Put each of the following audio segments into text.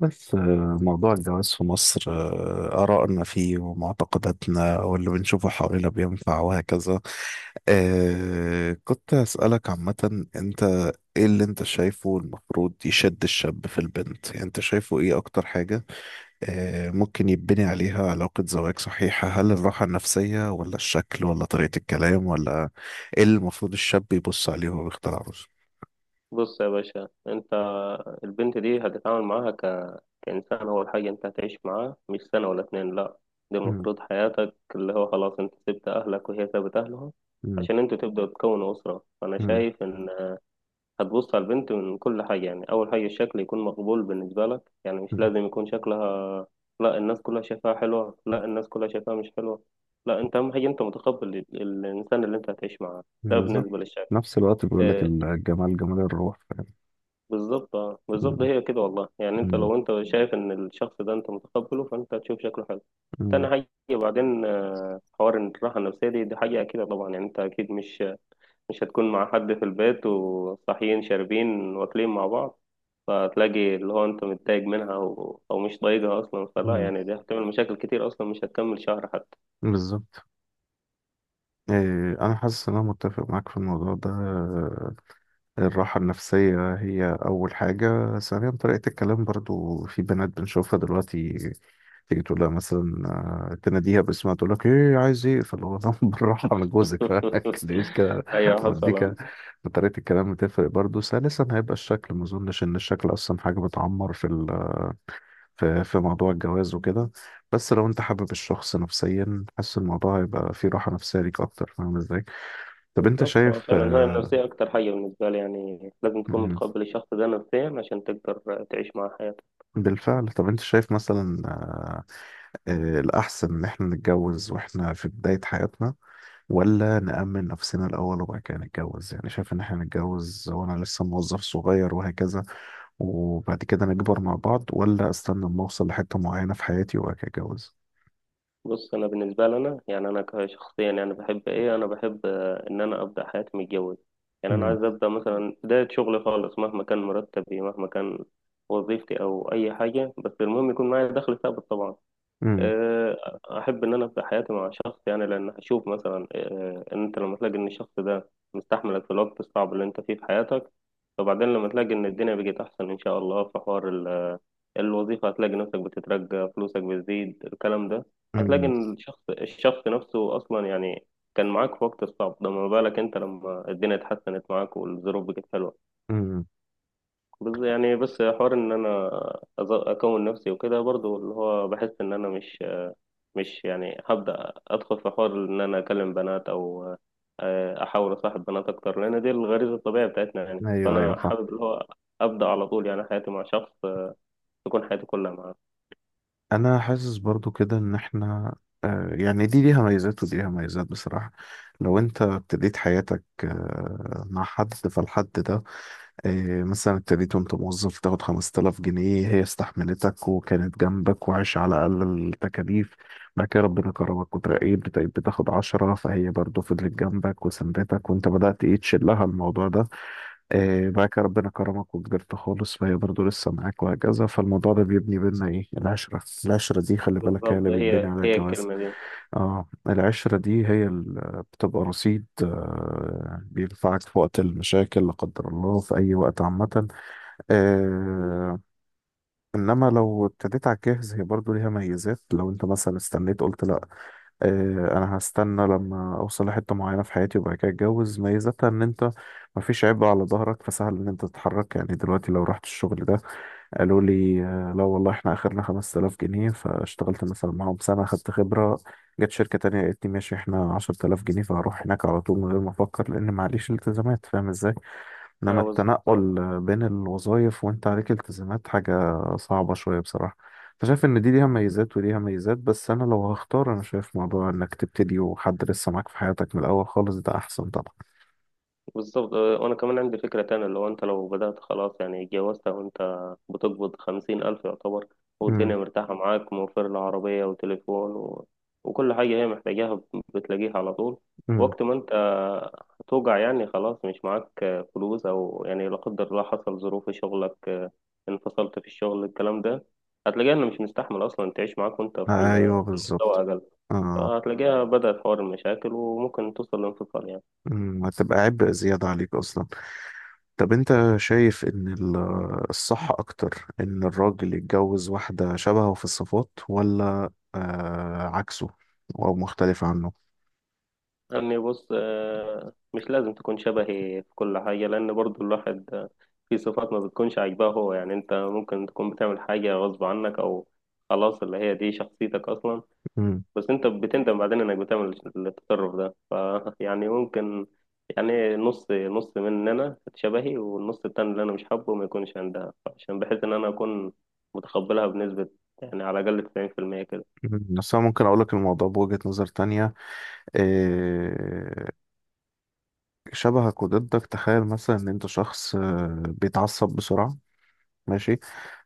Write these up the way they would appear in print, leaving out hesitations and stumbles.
بس موضوع الجواز في مصر، آرائنا فيه ومعتقداتنا واللي بنشوفه حوالينا بينفع وهكذا. كنت أسألك عامة، أنت إيه اللي أنت شايفه المفروض يشد الشاب في البنت؟ يعني أنت شايفه إيه أكتر حاجة ممكن يبني عليها علاقة زواج صحيحة؟ هل الراحة النفسية ولا الشكل ولا طريقة الكلام ولا إيه اللي المفروض الشاب يبص عليه وهو بيختار عروسه؟ بص يا باشا، انت البنت دي هتتعامل معاها كإنسان. أول حاجة انت هتعيش معاه مش سنة ولا اتنين، لأ، دي مم. المفروض حياتك، اللي هو خلاص انت سبت أهلك وهي سابت أهلها مم. عشان انتوا تبدأوا تكونوا أسرة. فأنا مم. شايف إن هتبص على البنت من كل حاجة. يعني أول حاجة الشكل يكون مقبول بالنسبة لك، يعني مش مم. لازم يكون شكلها لأ الناس كلها شايفاها حلوة، لأ الناس كلها شايفاها مش حلوة، لأ انت أهم حاجة انت متقبل الإنسان اللي انت هتعيش معاه ده. بالظبط، بالنسبة للشكل، نفس الوقت بيقول لك آه، الجمال جمال الروح، فاهم. بالظبط. اه مم. بالظبط، هي كده والله. يعني انت مم. لو انت شايف ان الشخص ده انت متقبله فانت تشوف شكله حلو. تاني مم. حاجة وبعدين، حوار ان الراحة النفسية دي حاجة أكيدة طبعا. يعني انت أكيد مش هتكون مع حد في البيت وصاحيين شاربين واكلين مع بعض، فتلاقي اللي هو انت متضايق منها أو مش طايقها اصلا، فلا مم. يعني دي هتعمل مشاكل كتير، اصلا مش هتكمل شهر حتى. بالظبط. إيه، أنا حاسس إن أنا متفق معاك في الموضوع ده. الراحة النفسية هي أول حاجة، ثانيا طريقة الكلام، برضو في بنات بنشوفها دلوقتي تيجي تقول لها مثلا، تناديها باسمها تقول لك إيه عايز إيه، فاللي هو طب بالراحة أنا جوزك فليش كده ايوه حصل. موديك. آه. طريقة الكلام بتفرق برضو. ثالثا هيبقى الشكل، ما أظنش إن الشكل أصلا حاجة بتعمر في موضوع الجواز وكده. بس لو انت حابب الشخص نفسيا حاسس الموضوع هيبقى فيه راحة نفسية ليك اكتر، فاهم ازاي؟ طب انت بالظبط. اه شايف، فعلا، هي النفسية أكتر حاجة بالنسبة لي، يعني لازم تكون مم، متقبل الشخص ده نفسيا عشان تقدر تعيش معاه حياتك. بالفعل. طب انت شايف مثلا، الاحسن ان احنا نتجوز واحنا في بداية حياتنا ولا نأمن نفسنا الاول وبعد كده نتجوز؟ يعني شايف ان احنا نتجوز وانا لسه موظف صغير وهكذا وبعد كده نكبر مع بعض، ولا استنى اما اوصل لحتة معينة في حياتي وبعد كده اتجوز؟ بص، أنا بالنسبة لي، أنا يعني أنا كشخصيا يعني بحب إن أنا أبدأ حياتي متجوز. يعني أنا مم. عايز أبدأ مثلا بداية شغلي خالص، مهما كان مرتبي، مهما كان وظيفتي أو أي حاجة، بس المهم يكون معايا دخل ثابت طبعا. مم. أحب إن أنا أبدأ حياتي مع شخص. يعني لأن هشوف مثلا إن أنت لما تلاقي إن الشخص ده مستحملك في الوقت الصعب اللي أنت فيه في حياتك، وبعدين لما تلاقي إن الدنيا بقت أحسن إن شاء الله، في حوار الوظيفة، هتلاقي نفسك بتترقى، فلوسك بتزيد، الكلام ده. هتلاقي مم. إن الشخص نفسه أصلا يعني كان معاك في وقت الصعب ده، ما بالك أنت لما الدنيا اتحسنت معاك والظروف بقت حلوة. مم. بس حوار إن أنا أكون نفسي وكده. برضو اللي هو بحس إن أنا مش يعني هبدأ أدخل في حوار إن أنا أكلم بنات أو أحاول أصاحب بنات أكتر، لأن دي الغريزة الطبيعية بتاعتنا يعني. ايوه، ايوه. فأنا حابب اللي هو أبدأ على طول يعني حياتي مع شخص، تكون حياتي كلها معاه. انا حاسس برضو كده ان احنا، يعني دي ليها ميزات ودي ليها ميزات بصراحة. لو انت ابتديت حياتك، مع حد، فالحد ده، مثلا ابتديت وانت موظف تاخد 5000 جنيه، هي استحملتك وكانت جنبك وعايش على اقل التكاليف. بعد كده ربنا كرمك وترقيت بتبقى بتاخد 10، فهي برضو فضلت جنبك وسندتك، وانت بدأت ايه، تشيل لها الموضوع ده. إيه، بعد كده ربنا كرمك وكبرت خالص، فهي برضه لسه معاك وهكذا. فالموضوع ده بيبني بينا ايه، العشرة. العشرة دي خلي بالك هي بالظبط، اللي بيتبني هي على هي الجواز. الكلمة دي. اه، العشرة دي هي اللي بتبقى رصيد بينفعك في وقت المشاكل لا قدر الله، في أي وقت عامة. آه انما لو ابتديت على الجاهز، هي برضه ليها ميزات. لو انت مثلا استنيت قلت لا، انا هستنى لما اوصل لحته معينه في حياتي وبعد كده اتجوز، ميزتها ان انت مفيش عبء على ظهرك، فسهل ان انت تتحرك. يعني دلوقتي لو رحت الشغل ده قالوا لي، لا والله احنا اخرنا 5000 جنيه، فاشتغلت مثلا معاهم سنه خدت خبره، جت شركه تانية قالت لي ماشي احنا 10000 جنيه، فهروح هناك على طول من غير ما افكر، لان معليش التزامات، فاهم ازاي؟ انما اه بالظبط. التنقل بين الوظائف وانت عليك التزامات حاجة صعبة شوية بصراحة. فشايف ان دي ليها ميزات وليها ميزات، بس انا لو هختار انا شايف موضوع انك تبتدي وحد لسه معاك في حياتك من الاول خالص ده احسن طبعا. بالظبط، وانا كمان عندي فكرة تانية اللي هو انت لو بدأت خلاص، يعني اتجوزت وانت بتقبض خمسين الف يعتبر، امم، والدنيا مرتاحة معاك، موفر لها عربية وتليفون وكل حاجة هي محتاجاها بتلاقيها على طول، امم. وقت ما انت هتوجع يعني خلاص مش معاك فلوس، او يعني لا قدر الله حصل ظروف في شغلك، انفصلت في الشغل الكلام ده، هتلاقيها انه مش مستحمل اصلا تعيش معاك وانت في ايوه في المستوى بالظبط. اقل. اه. هتلاقيها بدأت حوار المشاكل وممكن توصل لانفصال يعني. امم، هتبقى عبء زيادة عليك اصلا. طب انت شايف ان الصح اكتر ان الراجل يتجوز واحدة شبهه في الصفات، ولا عكسه او مختلف عنه؟ يعني بص، مش لازم تكون شبهي في كل حاجة، لأن برضو الواحد في صفات ما بتكونش عاجباه هو. يعني أنت ممكن تكون بتعمل حاجة غصب عنك أو خلاص اللي هي دي شخصيتك أصلا، بس أنت بتندم بعدين إنك بتعمل التصرف ده. فيعني ممكن يعني نص نص مننا شبهي، والنص التاني اللي أنا مش حابه ما يكونش عندها، عشان بحيث إن أنا أكون متقبلها بنسبة يعني على الأقل 90% كده. مم. بس أنا ممكن أقولك الموضوع بوجهة نظر تانية. إيه، شبهك وضدك. تخيل مثلا إن أنت شخص، بيتعصب بسرعة، ماشي،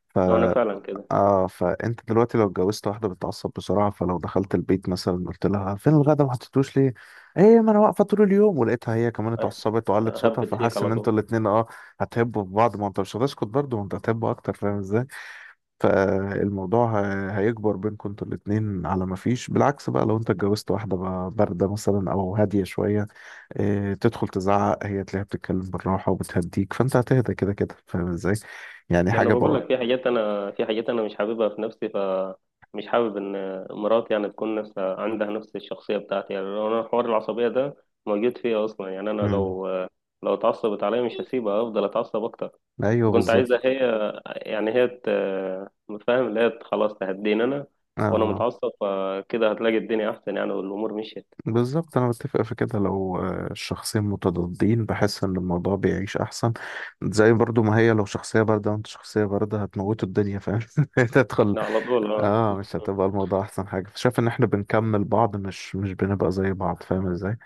ف... وأنا فعلا كده. فأنت دلوقتي لو اتجوزت واحدة بتتعصب بسرعة، فلو دخلت البيت مثلا قلت لها فين الغدا، ما حطيتوش ليه؟ إيه، ما أنا واقفة طول اليوم، ولقيتها هي كمان اتعصبت وعلت صوتها، هبت فيك فحاسس على إن أنتوا طول. الاتنين هتحبوا في بعض، ما أنت مش هتسكت برضه، ما أنت هتحبوا أكتر، فاهم؟ فالموضوع هيكبر بينكم انتوا الاتنين على ما فيش. بالعكس بقى، لو انت اتجوزت واحدة بقى باردة مثلا او هادية شوية، اه تدخل تزعق هي تلاقيها بتتكلم بالراحة وبتهديك، فانت هتهدى كده كده، فاهم ازاي؟ يعني ما انا حاجة بقول بقى. لك، في حاجات انا مش حاببها في نفسي، فمش حابب ان مراتي يعني تكون نفس عندها نفس الشخصيه بتاعتي. يعني لو انا حوار العصبيه ده موجود فيا اصلا، يعني انا مم. لو اتعصبت عليا مش هسيبها، افضل اتعصب اكتر. ايوه كنت عايزها بالظبط. هي، يعني هي فاهم، اللي هي خلاص تهديني انا وانا اه متعصب، فكده هتلاقي الدنيا احسن يعني والامور مشيت. بالظبط، انا بتفق في كده. لو الشخصين متضادين بحس ان الموضوع بيعيش احسن. زي برضو ما هي لو شخصية باردة وانت شخصية باردة هتموتوا الدنيا، فاهم، تدخل لا، على طول اه. اه، مش هتبقى الموضوع احسن حاجه. فشايف ان احنا بنكمل بعض، مش بنبقى زي بعض، فاهم ازاي؟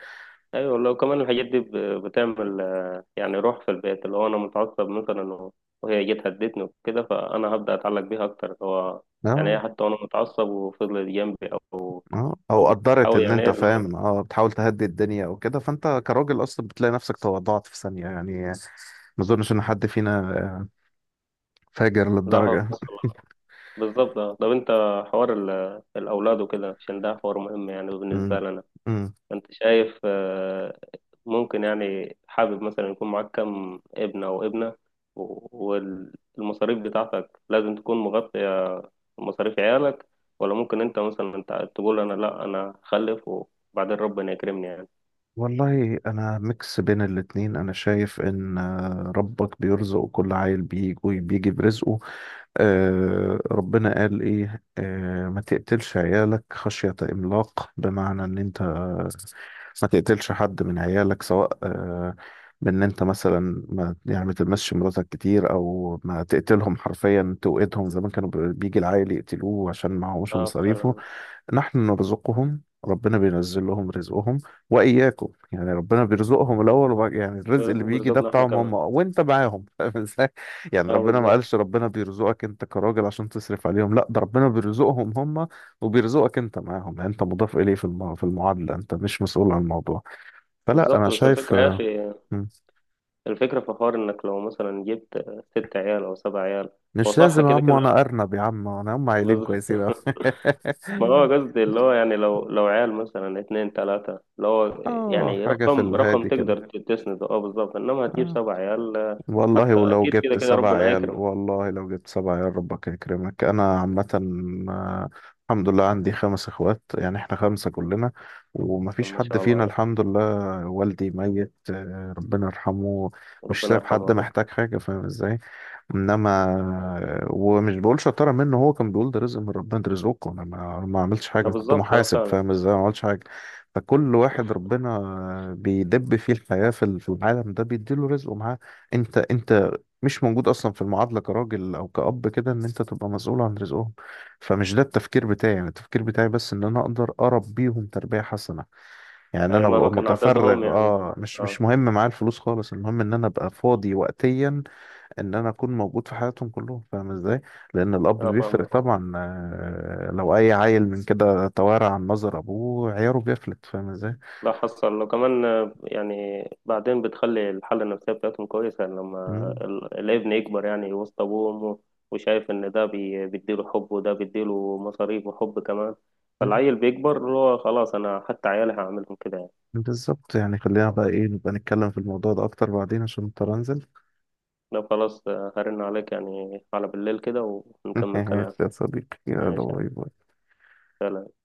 ايوه والله. وكمان الحاجات دي بتعمل يعني روح في البيت، اللي هو انا متعصب مثلا وهي جت هدتني وكده، فانا هبدا اتعلق بيها اكتر. اللي هو يعني اه، هي حتى وانا متعصب وفضلت جنبي او اه، او او قدرت بتحاول ان يعني، ايه انت، اللي هو. فاهم، بتحاول تهدي الدنيا او كده، فانت كراجل اصلا بتلاقي نفسك تواضعت في ثانيه يعني. ما اظنش ان حد فينا، فاجر لا للدرجه. حصل. بالظبط آه. طب انت، حوار الاولاد وكده عشان ده حوار مهم يعني بالنسبه امم، لنا. امم. انت شايف ممكن يعني حابب مثلا يكون معاك كم ابن او ابنه، والمصاريف بتاعتك لازم تكون مغطية مصاريف عيالك؟ ولا ممكن انت مثلا انت تقول انا لا، انا هخلف وبعدين ربنا يكرمني يعني. والله انا ميكس بين الاتنين، انا شايف ان، ربك بيرزق كل عيل، بيجي وبيجي برزقه. ربنا قال ايه، ما تقتلش عيالك خشية املاق، بمعنى ان انت ما تقتلش حد من عيالك، سواء بان انت مثلا ما، يعني ما تلمسش مراتك كتير، او ما تقتلهم حرفيا توقدهم، زمان كانوا بيجي العائل يقتلوه عشان معهوش اه مصاريفه. فعلا. نحن نرزقهم، ربنا بينزل لهم رزقهم وإياكم، يعني ربنا بيرزقهم الأول، وبعد يعني الرزق اللي بيجي ده وبيرزقنا احنا بتاعهم هم كمان. وأنت معاهم، فاهم إزاي؟ يعني اه ربنا ما بالظبط. قالش ربنا بيرزقك أنت كراجل عشان تصرف عليهم، لا ده ربنا بيرزقهم هم وبيرزقك أنت معاهم، يعني أنت مضاف إليه في المعادلة، أنت مش مسؤول عن الموضوع. فلا، أنا بالظبط، بس شايف، الفكرة يا اخي، مم. الفكرة في حوار انك لو مثلا جبت ست عيال او سبع عيال. هو مش صح لازم يا كده عم، كده. أنا أرنب يا عم، أنا هم عيلين بالظبط. كويسين أوي. ما هو قصدي اللي هو يعني لو عيال مثلا اتنين تلاتة، اللي هو يعني حاجة في رقم الهادي كده. تقدر تسنده، اه بالظبط، انما هتجيب آه. سبع عيال والله حتى ولو اكيد كده جبت كده سبع ربنا عيال، هيكرم. والله لو جبت سبع عيال ربك يكرمك، انا عامة، آه، الحمد لله عندي خمس اخوات، يعني احنا خمسة كلنا، ومفيش ما حد شاء الله فينا عليكم. الحمد لله. والدي ميت، ربنا يرحمه، مش ربنا سايب يرحمه حد يا رب. محتاج حاجة، فاهم ازاي؟ انما، ومش بقول شطارة منه، هو كان بيقول ده رزق من ربنا، ده رزقكم، انا ما عملتش حاجة، اه أنا كنت بالظبط، ده محاسب، فعلا. فاهم ازاي؟ ما عملتش حاجة، فكل واحد ربنا، بيدب فيه الحياة في العالم ده بيديله رزقه معاه. انت مش موجود اصلا في المعادله كراجل او كأب كده، ان انت تبقى مسؤول عن رزقهم. فمش ده التفكير بتاعي، يعني التفكير بتاعي بس ان انا اقدر اربيهم تربيه حسنه، يعني أيوة انا مهما ببقى كان عددهم متفرغ، يعني. اه، مش اه. مهم معايا الفلوس خالص، المهم ان انا ابقى فاضي وقتيا، ان انا اكون موجود في حياتهم كلهم، فاهم ازاي؟ لان الاب اه بيفرق فاهمك. طبعا، لو اي عيل من كده توارى عن نظر ابوه عياره بيفلت، فاهم ازاي؟ لا حصل. لو كمان يعني بعدين بتخلي الحالة النفسية بتاعتهم كويسة، يعني لما الابن يكبر يعني وسط أبوه وأمه، وشايف إن ده بيديله حب وده بيديله مصاريف وحب كمان، مم. فالعيل بيكبر اللي هو خلاص. أنا حتى عيالي هعملهم كده يعني. بالظبط. يعني خلينا بقى ايه، نبقى نتكلم في الموضوع ده اكتر بعدين عشان اضطر انزل. لو خلاص، هرن عليك يعني على بالليل كده ونكمل كلام. ماشي يا صديقي، يلا، ماشي. باي باي. يلا.